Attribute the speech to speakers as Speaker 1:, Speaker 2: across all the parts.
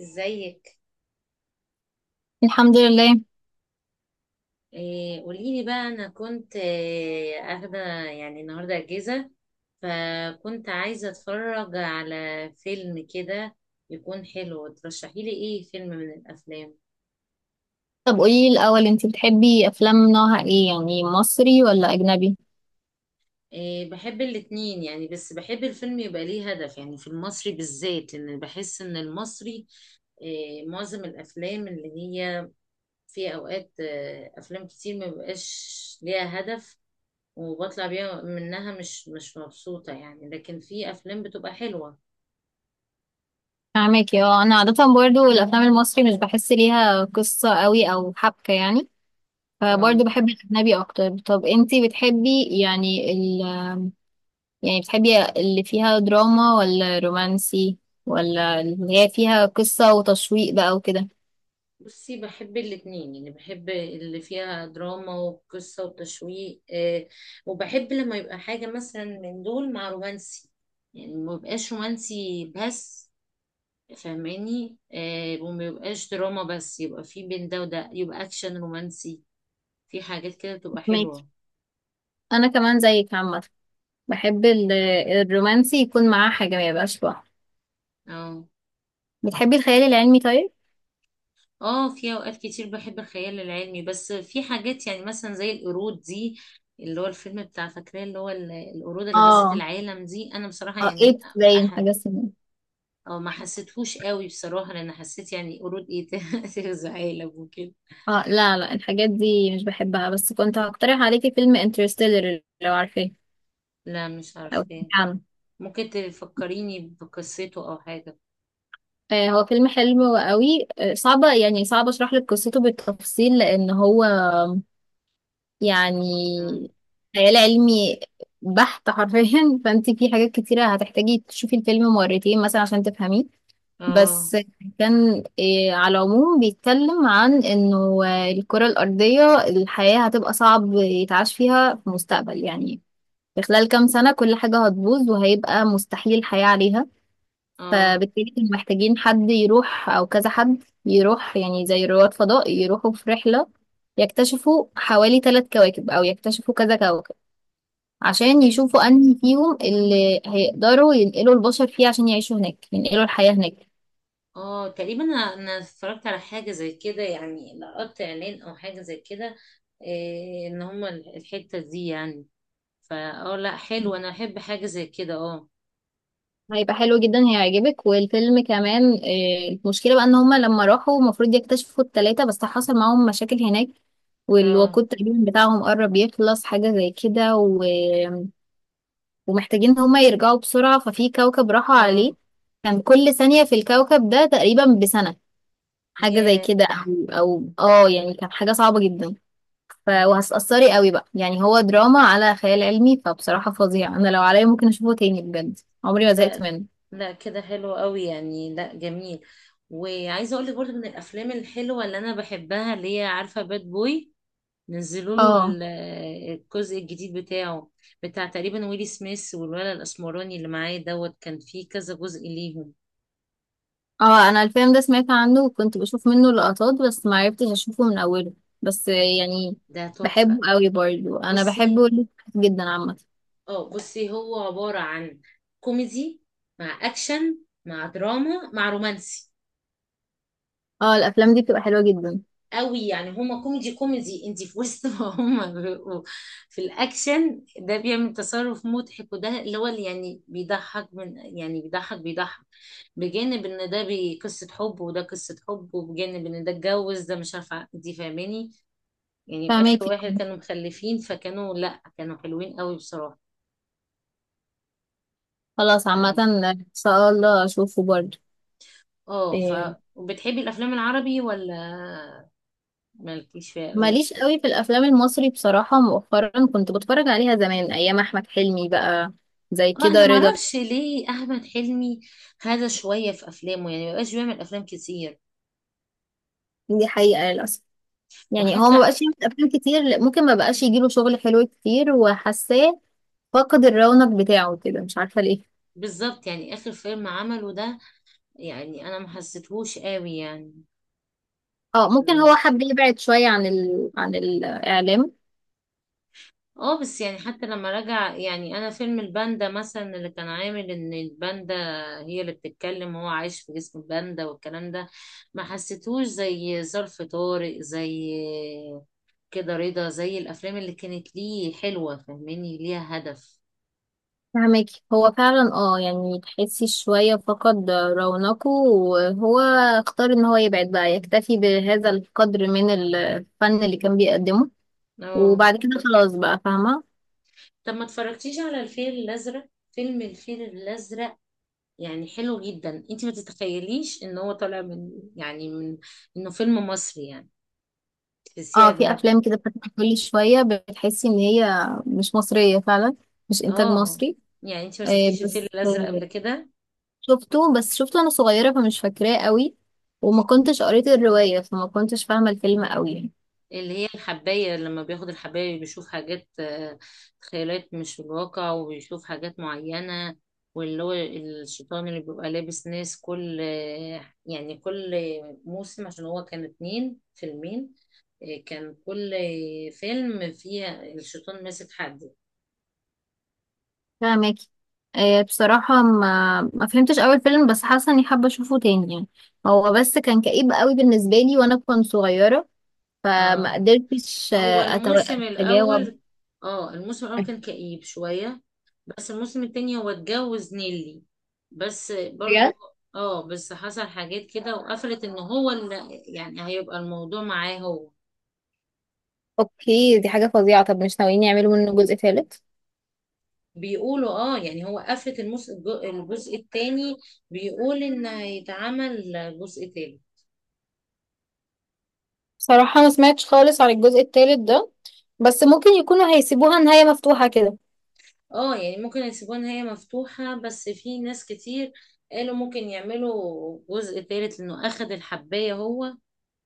Speaker 1: ازيك؟
Speaker 2: الحمد لله.
Speaker 1: قوليلي بقى، انا كنت اخده. يعني النهارده اجازه، فكنت عايزه اتفرج على فيلم كده يكون حلو. ترشحيلي ايه فيلم من الافلام؟
Speaker 2: طب قولي الأول انتي بتحبي أفلام نوعها ايه؟ يعني مصري ولا أجنبي؟
Speaker 1: بحب الاتنين يعني، بس بحب الفيلم يبقى ليه هدف. يعني في المصري بالذات، لان بحس ان المصري معظم الافلام اللي هي في اوقات افلام كتير ما بيبقاش ليها هدف، وبطلع بيها، منها مش مبسوطة يعني، لكن في أفلام بتبقى حلوة.
Speaker 2: فاهمك. اه، أنا عادة برضو الأفلام المصري مش بحس ليها قصة قوي أو حبكة يعني.
Speaker 1: اه،
Speaker 2: فبرضو بحب الأجنبي أكتر. طب انتي بتحبي يعني يعني بتحبي اللي فيها دراما ولا رومانسي؟ ولا اللي هي فيها قصة وتشويق بقى وكده؟
Speaker 1: بصي، بحب الاتنين يعني. بحب اللي فيها دراما وقصة وتشويق وبحب لما يبقى حاجة مثلا من دول مع رومانسي. يعني ما يبقاش رومانسي بس، فاهماني؟ وما يبقاش دراما بس، يبقى في بين ده وده، يبقى أكشن رومانسي. في حاجات كده بتبقى
Speaker 2: فاهمك.
Speaker 1: حلوة.
Speaker 2: أنا كمان زيك عامة، بحب الرومانسي يكون معاه حاجة ما يبقاش لوحده.
Speaker 1: اه.
Speaker 2: بتحبي الخيال العلمي طيب؟
Speaker 1: اه، في اوقات كتير بحب الخيال العلمي، بس في حاجات يعني مثلا زي القرود دي، اللي هو الفيلم بتاع، فاكراه اللي هو القرود اللي غزت
Speaker 2: اه،
Speaker 1: العالم دي؟ انا بصراحة
Speaker 2: اه،
Speaker 1: يعني
Speaker 2: ايه باين
Speaker 1: أح...
Speaker 2: حاجة اسمها.
Speaker 1: أو ما حسيتهوش قوي بصراحة، لان حسيت يعني قرود ايه ت- تغزى عالم وكده.
Speaker 2: اه، لا، لا، الحاجات دي مش بحبها، بس كنت هقترح عليكي فيلم انترستيلر لو عارفاه
Speaker 1: لا، مش
Speaker 2: او سمعتي
Speaker 1: عارفاه.
Speaker 2: عنه.
Speaker 1: ممكن تفكريني بقصته او حاجة؟
Speaker 2: آه، هو فيلم حلو قوي. صعبة، يعني صعب اشرح لك قصته بالتفصيل لان هو
Speaker 1: اه.
Speaker 2: يعني خيال علمي بحت حرفيا فانت في حاجات كتيرة هتحتاجي تشوفي الفيلم مرتين مثلا عشان تفهميه.
Speaker 1: اه.
Speaker 2: بس كان على العموم بيتكلم عن انه الكرة الأرضية الحياة هتبقى صعب يتعاش فيها في المستقبل يعني. في خلال كام سنة كل حاجة هتبوظ وهيبقى مستحيل حياة عليها.
Speaker 1: آه.
Speaker 2: فبالتالي كانوا محتاجين حد يروح أو كذا حد يروح، يعني زي رواد فضاء يروحوا في رحلة يكتشفوا حوالي ثلاث كواكب أو يكتشفوا كذا كوكب، عشان يشوفوا أنهي فيهم اللي هيقدروا ينقلوا البشر فيه، عشان يعيشوا هناك، ينقلوا الحياة هناك.
Speaker 1: اه تقريبا، انا اتفرجت على حاجه زي كده يعني، لقطت اعلان او حاجه زي كده، ان هما الحته دي يعني. فا اه، لا حلو، انا احب حاجه زي كده، اه.
Speaker 2: هيبقى حلو جدا، هيعجبك. والفيلم كمان المشكلة بقى ان هما لما راحوا المفروض يكتشفوا التلاتة، بس حصل معاهم مشاكل هناك،
Speaker 1: اه.
Speaker 2: والوقود تقريبا بتاعهم قرب يخلص، حاجة زي كده ومحتاجين ان هما يرجعوا بسرعة. ففي كوكب راحوا
Speaker 1: اه.
Speaker 2: عليه كان كل ثانية في الكوكب ده تقريبا بسنة، حاجة زي
Speaker 1: يا
Speaker 2: كده او او اه يعني كانت حاجة صعبة جدا. وهتأثري قوي بقى، يعني هو دراما على خيال علمي، فبصراحة فظيع. انا لو عليا ممكن اشوفه تاني بجد، عمري ما زهقت
Speaker 1: لا،
Speaker 2: منه.
Speaker 1: لا، كده حلو قوي يعني، لا جميل. وعايزه اقول لك برضه، من الافلام الحلوه اللي انا بحبها اللي هي، عارفه باد بوي؟ نزلوا له
Speaker 2: اه،
Speaker 1: الجزء الجديد بتاعه، بتاع تقريبا ويلي سميث والولد الاسمراني اللي معاه دوت. كان فيه كذا جزء ليهم،
Speaker 2: اه انا الفيلم ده سمعت عنه وكنت بشوف منه لقطات بس ما عرفتش اشوفه من اوله، بس يعني
Speaker 1: ده
Speaker 2: بحبه
Speaker 1: تحفة.
Speaker 2: قوي برضه، انا
Speaker 1: بصي،
Speaker 2: بحبه جدا عامه.
Speaker 1: اه بصي، هو عبارة عن كوميدي مع اكشن مع دراما مع رومانسي
Speaker 2: اه، الافلام دي بتبقى حلوه جدا.
Speaker 1: قوي يعني. هما كوميدي انت في وسط، ما هما بيبقوا في الاكشن ده بيعمل تصرف مضحك، وده اللي هو اللي يعني بيضحك، من يعني بيضحك، بجانب ان ده قصة حب، وده قصة حب، وبجانب ان ده اتجوز ده، مش عارفة، انت فاهماني؟ يعني اخر
Speaker 2: فهماكي.
Speaker 1: واحد كانوا مخلفين، فكانوا لا، كانوا حلوين قوي بصراحة.
Speaker 2: خلاص عامه ان شاء الله اشوفه برضه.
Speaker 1: اه.
Speaker 2: إيه،
Speaker 1: وبتحبي الافلام العربي، ولا مالكيش فيها قوي؟
Speaker 2: ماليش قوي في الافلام المصري بصراحه. مؤخرا كنت بتفرج عليها زمان ايام احمد حلمي بقى، زي
Speaker 1: اه، انا
Speaker 2: كده رضا.
Speaker 1: معرفش ليه احمد حلمي هذا شويه في افلامه، يعني مبقاش بيعمل افلام كتير.
Speaker 2: دي حقيقه للاسف، يعني هو ما
Speaker 1: وحتى
Speaker 2: بقاش يعمل افلام كتير، ممكن ما بقاش يجيله شغل حلو كتير، وحاساه فقد الرونق بتاعه كده، مش عارفة ليه.
Speaker 1: بالظبط، يعني اخر فيلم عمله ده، يعني انا ما حسيتهوش قوي يعني.
Speaker 2: اه، ممكن هو
Speaker 1: لا.
Speaker 2: حب يبعد شوية عن عن الإعلام.
Speaker 1: اه بس يعني حتى لما رجع، يعني انا فيلم الباندا مثلا، اللي كان عامل ان الباندا هي اللي بتتكلم، وهو عايش في جسم الباندا والكلام ده، ما حسيتهوش زي ظرف طارق، زي كده رضا، زي الافلام اللي كانت ليه حلوة فاهماني، ليها هدف.
Speaker 2: فهمك. هو فعلا، يعني تحسي شوية فقد رونقه، وهو اختار ان هو يبعد بقى، يكتفي بهذا القدر من الفن اللي كان بيقدمه،
Speaker 1: اه.
Speaker 2: وبعد كده خلاص بقى، فاهمة.
Speaker 1: طب ما اتفرجتيش على الفيل الازرق؟ فيلم الفيل الازرق يعني حلو جدا. انت ما تتخيليش ان هو طالع من يعني من، انه فيلم مصري يعني، تحسيه
Speaker 2: اه، في
Speaker 1: اجنبي.
Speaker 2: افلام كده بتطلع كل شوية بتحسي ان هي مش مصرية فعلا، مش انتاج
Speaker 1: اه
Speaker 2: مصري.
Speaker 1: يعني، انت ما
Speaker 2: آه،
Speaker 1: شفتيش الفيل الازرق قبل كده؟
Speaker 2: بس شفته وانا صغيرة فمش فاكراه قوي، وما كنتش قريت الرواية فما كنتش فاهمة الفيلم قوي يعني.
Speaker 1: اللي هي الحباية، لما بياخد الحباية بيشوف حاجات، خيالات مش في الواقع، وبيشوف حاجات معينة، واللي هو الشيطان اللي بيبقى لابس ناس، كل، يعني كل موسم. عشان هو كان فيلمين ، كان كل فيلم فيه الشيطان ماسك حد.
Speaker 2: فاهماكي. آه، بصراحة ما فهمتش اول فيلم، بس حاسة اني حابة اشوفه تاني يعني. هو بس كان كئيب قوي بالنسبة لي وانا كنت صغيرة، فما
Speaker 1: اه،
Speaker 2: قدرتش
Speaker 1: هو الموسم
Speaker 2: اتجاوب.
Speaker 1: الأول، اه الموسم الأول كان كئيب شوية. بس الموسم التاني هو اتجوز نيلي بس برضو.
Speaker 2: بجد؟
Speaker 1: اه بس حصل حاجات كده، وقفلت ان هو اللي يعني هيبقى الموضوع معاه هو.
Speaker 2: اوكي، دي حاجة فظيعة. طب مش ناويين يعملوا منه جزء ثالث؟
Speaker 1: بيقولوا اه يعني، هو قفلت الجزء التاني. بيقول ان هيتعمل جزء تالت.
Speaker 2: بصراحة ما سمعتش خالص عن الجزء التالت ده، بس ممكن يكونوا هيسيبوها نهاية مفتوحة كده.
Speaker 1: اه يعني ممكن يسيبوها ان هي مفتوحة، بس في ناس كتير قالوا ممكن يعملوا جزء تالت لانه اخد الحباية هو،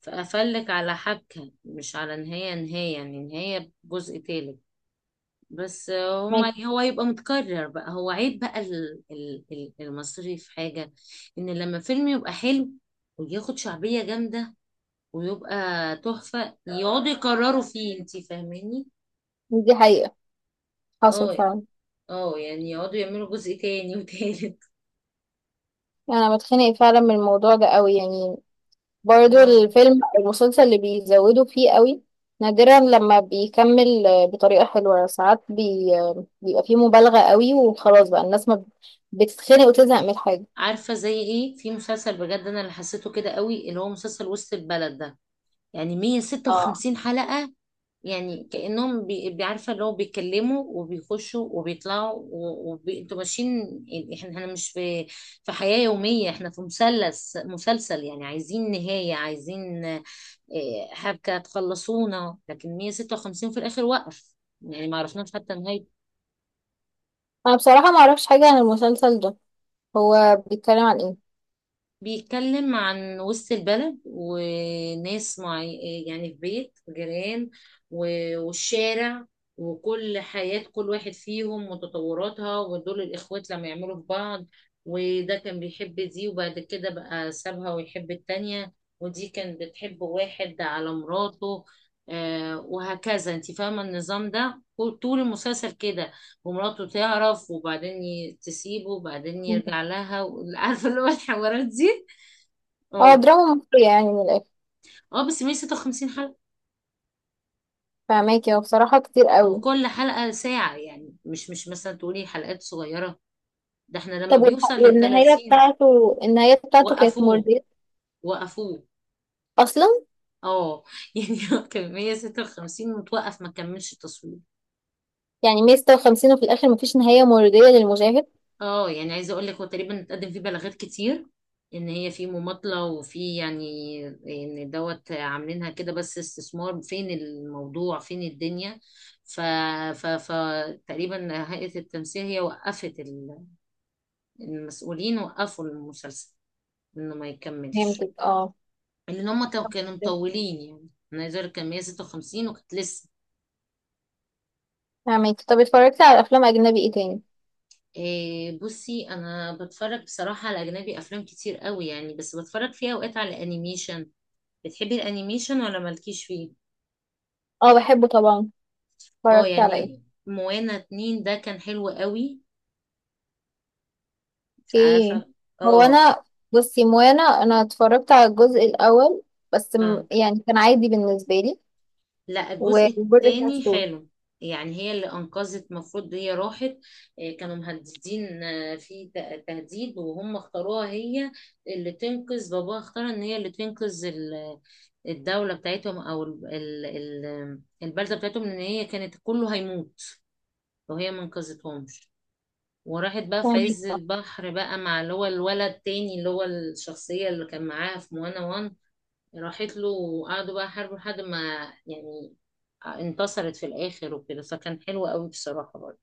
Speaker 1: فقفلك على حبكة، مش على نهاية نهاية، يعني نهاية جزء تالت. بس هما
Speaker 2: ماشي.
Speaker 1: هو يبقى متكرر بقى. هو عيب بقى المصري في حاجة، ان لما فيلم يبقى حلو وياخد شعبية جامدة ويبقى تحفة، يقعدوا يكرروا فيه، انتي فاهماني؟
Speaker 2: دي حقيقة، حصل
Speaker 1: اه.
Speaker 2: فعلا.
Speaker 1: اه يعني يقعدوا يعملوا جزء تاني وتالت.
Speaker 2: يعني انا بتخنق فعلا من الموضوع ده قوي يعني، برضو
Speaker 1: اه،
Speaker 2: الفيلم او المسلسل اللي بيزودوا فيه قوي نادرا لما بيكمل بطريقة حلوة. ساعات بي... آه، بيبقى فيه مبالغة قوي وخلاص بقى الناس ما ب- بتتخنق وتزهق من الحاجة.
Speaker 1: عارفة زي ايه؟ في مسلسل بجد انا اللي حسيته كده قوي، اللي هو مسلسل وسط البلد ده، يعني
Speaker 2: اه،
Speaker 1: 156 حلقة. يعني كأنهم بيعرفة اللي هو بيتكلموا وبيخشوا وبيطلعوا، وانتوا ماشيين يعني. احنا مش في في حياة يومية، احنا في مثلث مسلسل يعني. عايزين نهاية، عايزين، حبكة تخلصونا، لكن 156 في الآخر وقف. يعني ما عرفناش حتى نهاية.
Speaker 2: انا بصراحة ما اعرفش حاجة عن المسلسل ده. هو بيتكلم عن ايه؟
Speaker 1: بيتكلم عن وسط البلد وناس معي، يعني في بيت جيران والشارع، وكل حياة كل واحد فيهم وتطوراتها، ودول الإخوات لما يعملوا في بعض، وده كان بيحب دي وبعد كده بقى سابها ويحب التانية، ودي كانت بتحب واحد على مراته، وهكذا، انت فاهمة النظام ده طول المسلسل كده. ومراته تعرف وبعدين تسيبه وبعدين
Speaker 2: مم.
Speaker 1: يرجع لها. عارفة اللي هو الحوارات دي؟
Speaker 2: اه،
Speaker 1: اه.
Speaker 2: دراما مصرية يعني من الاخر.
Speaker 1: اه بس 156 حلقة.
Speaker 2: فهماكي. هو بصراحة كتير
Speaker 1: هو
Speaker 2: قوي.
Speaker 1: كل حلقة ساعة يعني، مش مثلا تقولي حلقات صغيرة، ده احنا لما
Speaker 2: طب
Speaker 1: بيوصل
Speaker 2: والنهاية
Speaker 1: لل30.
Speaker 2: بتاعته، النهاية بتاعته كانت
Speaker 1: وقفوه،
Speaker 2: مرضية
Speaker 1: وقفوه.
Speaker 2: اصلا؟
Speaker 1: اه، يعني هو كان 156 متوقف، ما كملش التصوير.
Speaker 2: يعني 156 وفي الاخر مفيش نهاية مرضية للمشاهد؟
Speaker 1: اه يعني عايزة اقول لك، هو تقريبا اتقدم فيه بلاغات كتير ان هي في مماطلة، وفي يعني ان دوت عاملينها كده بس استثمار، فين الموضوع فين الدنيا. ف ف فتقريبا هيئة التمثيل هي وقفت، المسؤولين وقفوا المسلسل انه ما يكملش،
Speaker 2: فهمتك اه
Speaker 1: لان هم كانوا مطولين. يعني انا عايزه اقول لك، كان 156 وكانت لسه.
Speaker 2: فهمك. طب اتفرجتي على افلام اجنبي ايه تاني؟
Speaker 1: بصي، انا بتفرج بصراحه على اجنبي افلام كتير قوي يعني، بس بتفرج فيها اوقات على انيميشن. بتحبي الانيميشن ولا مالكيش فيه؟
Speaker 2: اه، بحبه طبعا.
Speaker 1: اه
Speaker 2: اتفرجت على ايه؟
Speaker 1: يعني، موانا 2 ده كان حلو قوي. مش
Speaker 2: اوكي.
Speaker 1: عارفه.
Speaker 2: هو
Speaker 1: اه.
Speaker 2: انا بصي، موانا، انا اتفرجت على الجزء الاول، بس
Speaker 1: آه.
Speaker 2: يعني كان عادي بالنسبه لي.
Speaker 1: لا الجزء
Speaker 2: والجزء
Speaker 1: التاني
Speaker 2: الثالث؟
Speaker 1: حلو. يعني هي اللي انقذت، المفروض هي راحت، كانوا مهددين، في تهديد، وهم اختاروها هي اللي تنقذ باباها. اختار ان هي اللي تنقذ الدولة بتاعتهم، او البلدة بتاعتهم، ان هي كانت كله هيموت لو هي ما انقذتهمش. وراحت بقى في
Speaker 2: فهماكي.
Speaker 1: عز
Speaker 2: آه.
Speaker 1: البحر بقى، مع اللي هو الولد التاني، اللي هو الشخصية اللي كان معاها في موانا، وان راحت له وقعدوا بقى يحاربوا لحد ما يعني، انتصرت في الاخر وكده، فكان حلو قوي بصراحه برضه.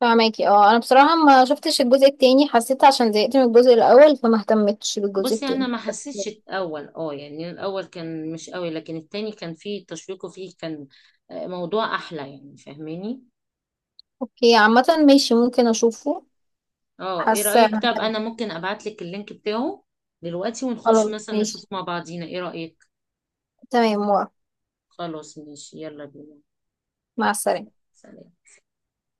Speaker 2: فهماكي. اه، انا بصراحه ما شفتش الجزء التاني، حسيت عشان زهقت من الجزء الاول، فما اهتمتش بالجزء
Speaker 1: بصي انا
Speaker 2: التاني.
Speaker 1: ما حسيتش الاول، اه يعني الاول كان مش قوي، لكن التاني كان فيه تشويق، وفيه كان، موضوع احلى يعني، فاهماني؟
Speaker 2: اوكي عامه، ماشي، ممكن اشوفه.
Speaker 1: اه، ايه
Speaker 2: حاسه.
Speaker 1: رايك؟ طب انا ممكن ابعت لك اللينك بتاعه دلوقتي، ونخش
Speaker 2: خلاص
Speaker 1: مثلا نشوف
Speaker 2: ماشي.
Speaker 1: مع بعضينا، ايه رايك؟
Speaker 2: تمام، موافقة.
Speaker 1: خلاص ماشي، يلا بينا.
Speaker 2: مع السلامه.
Speaker 1: سلام.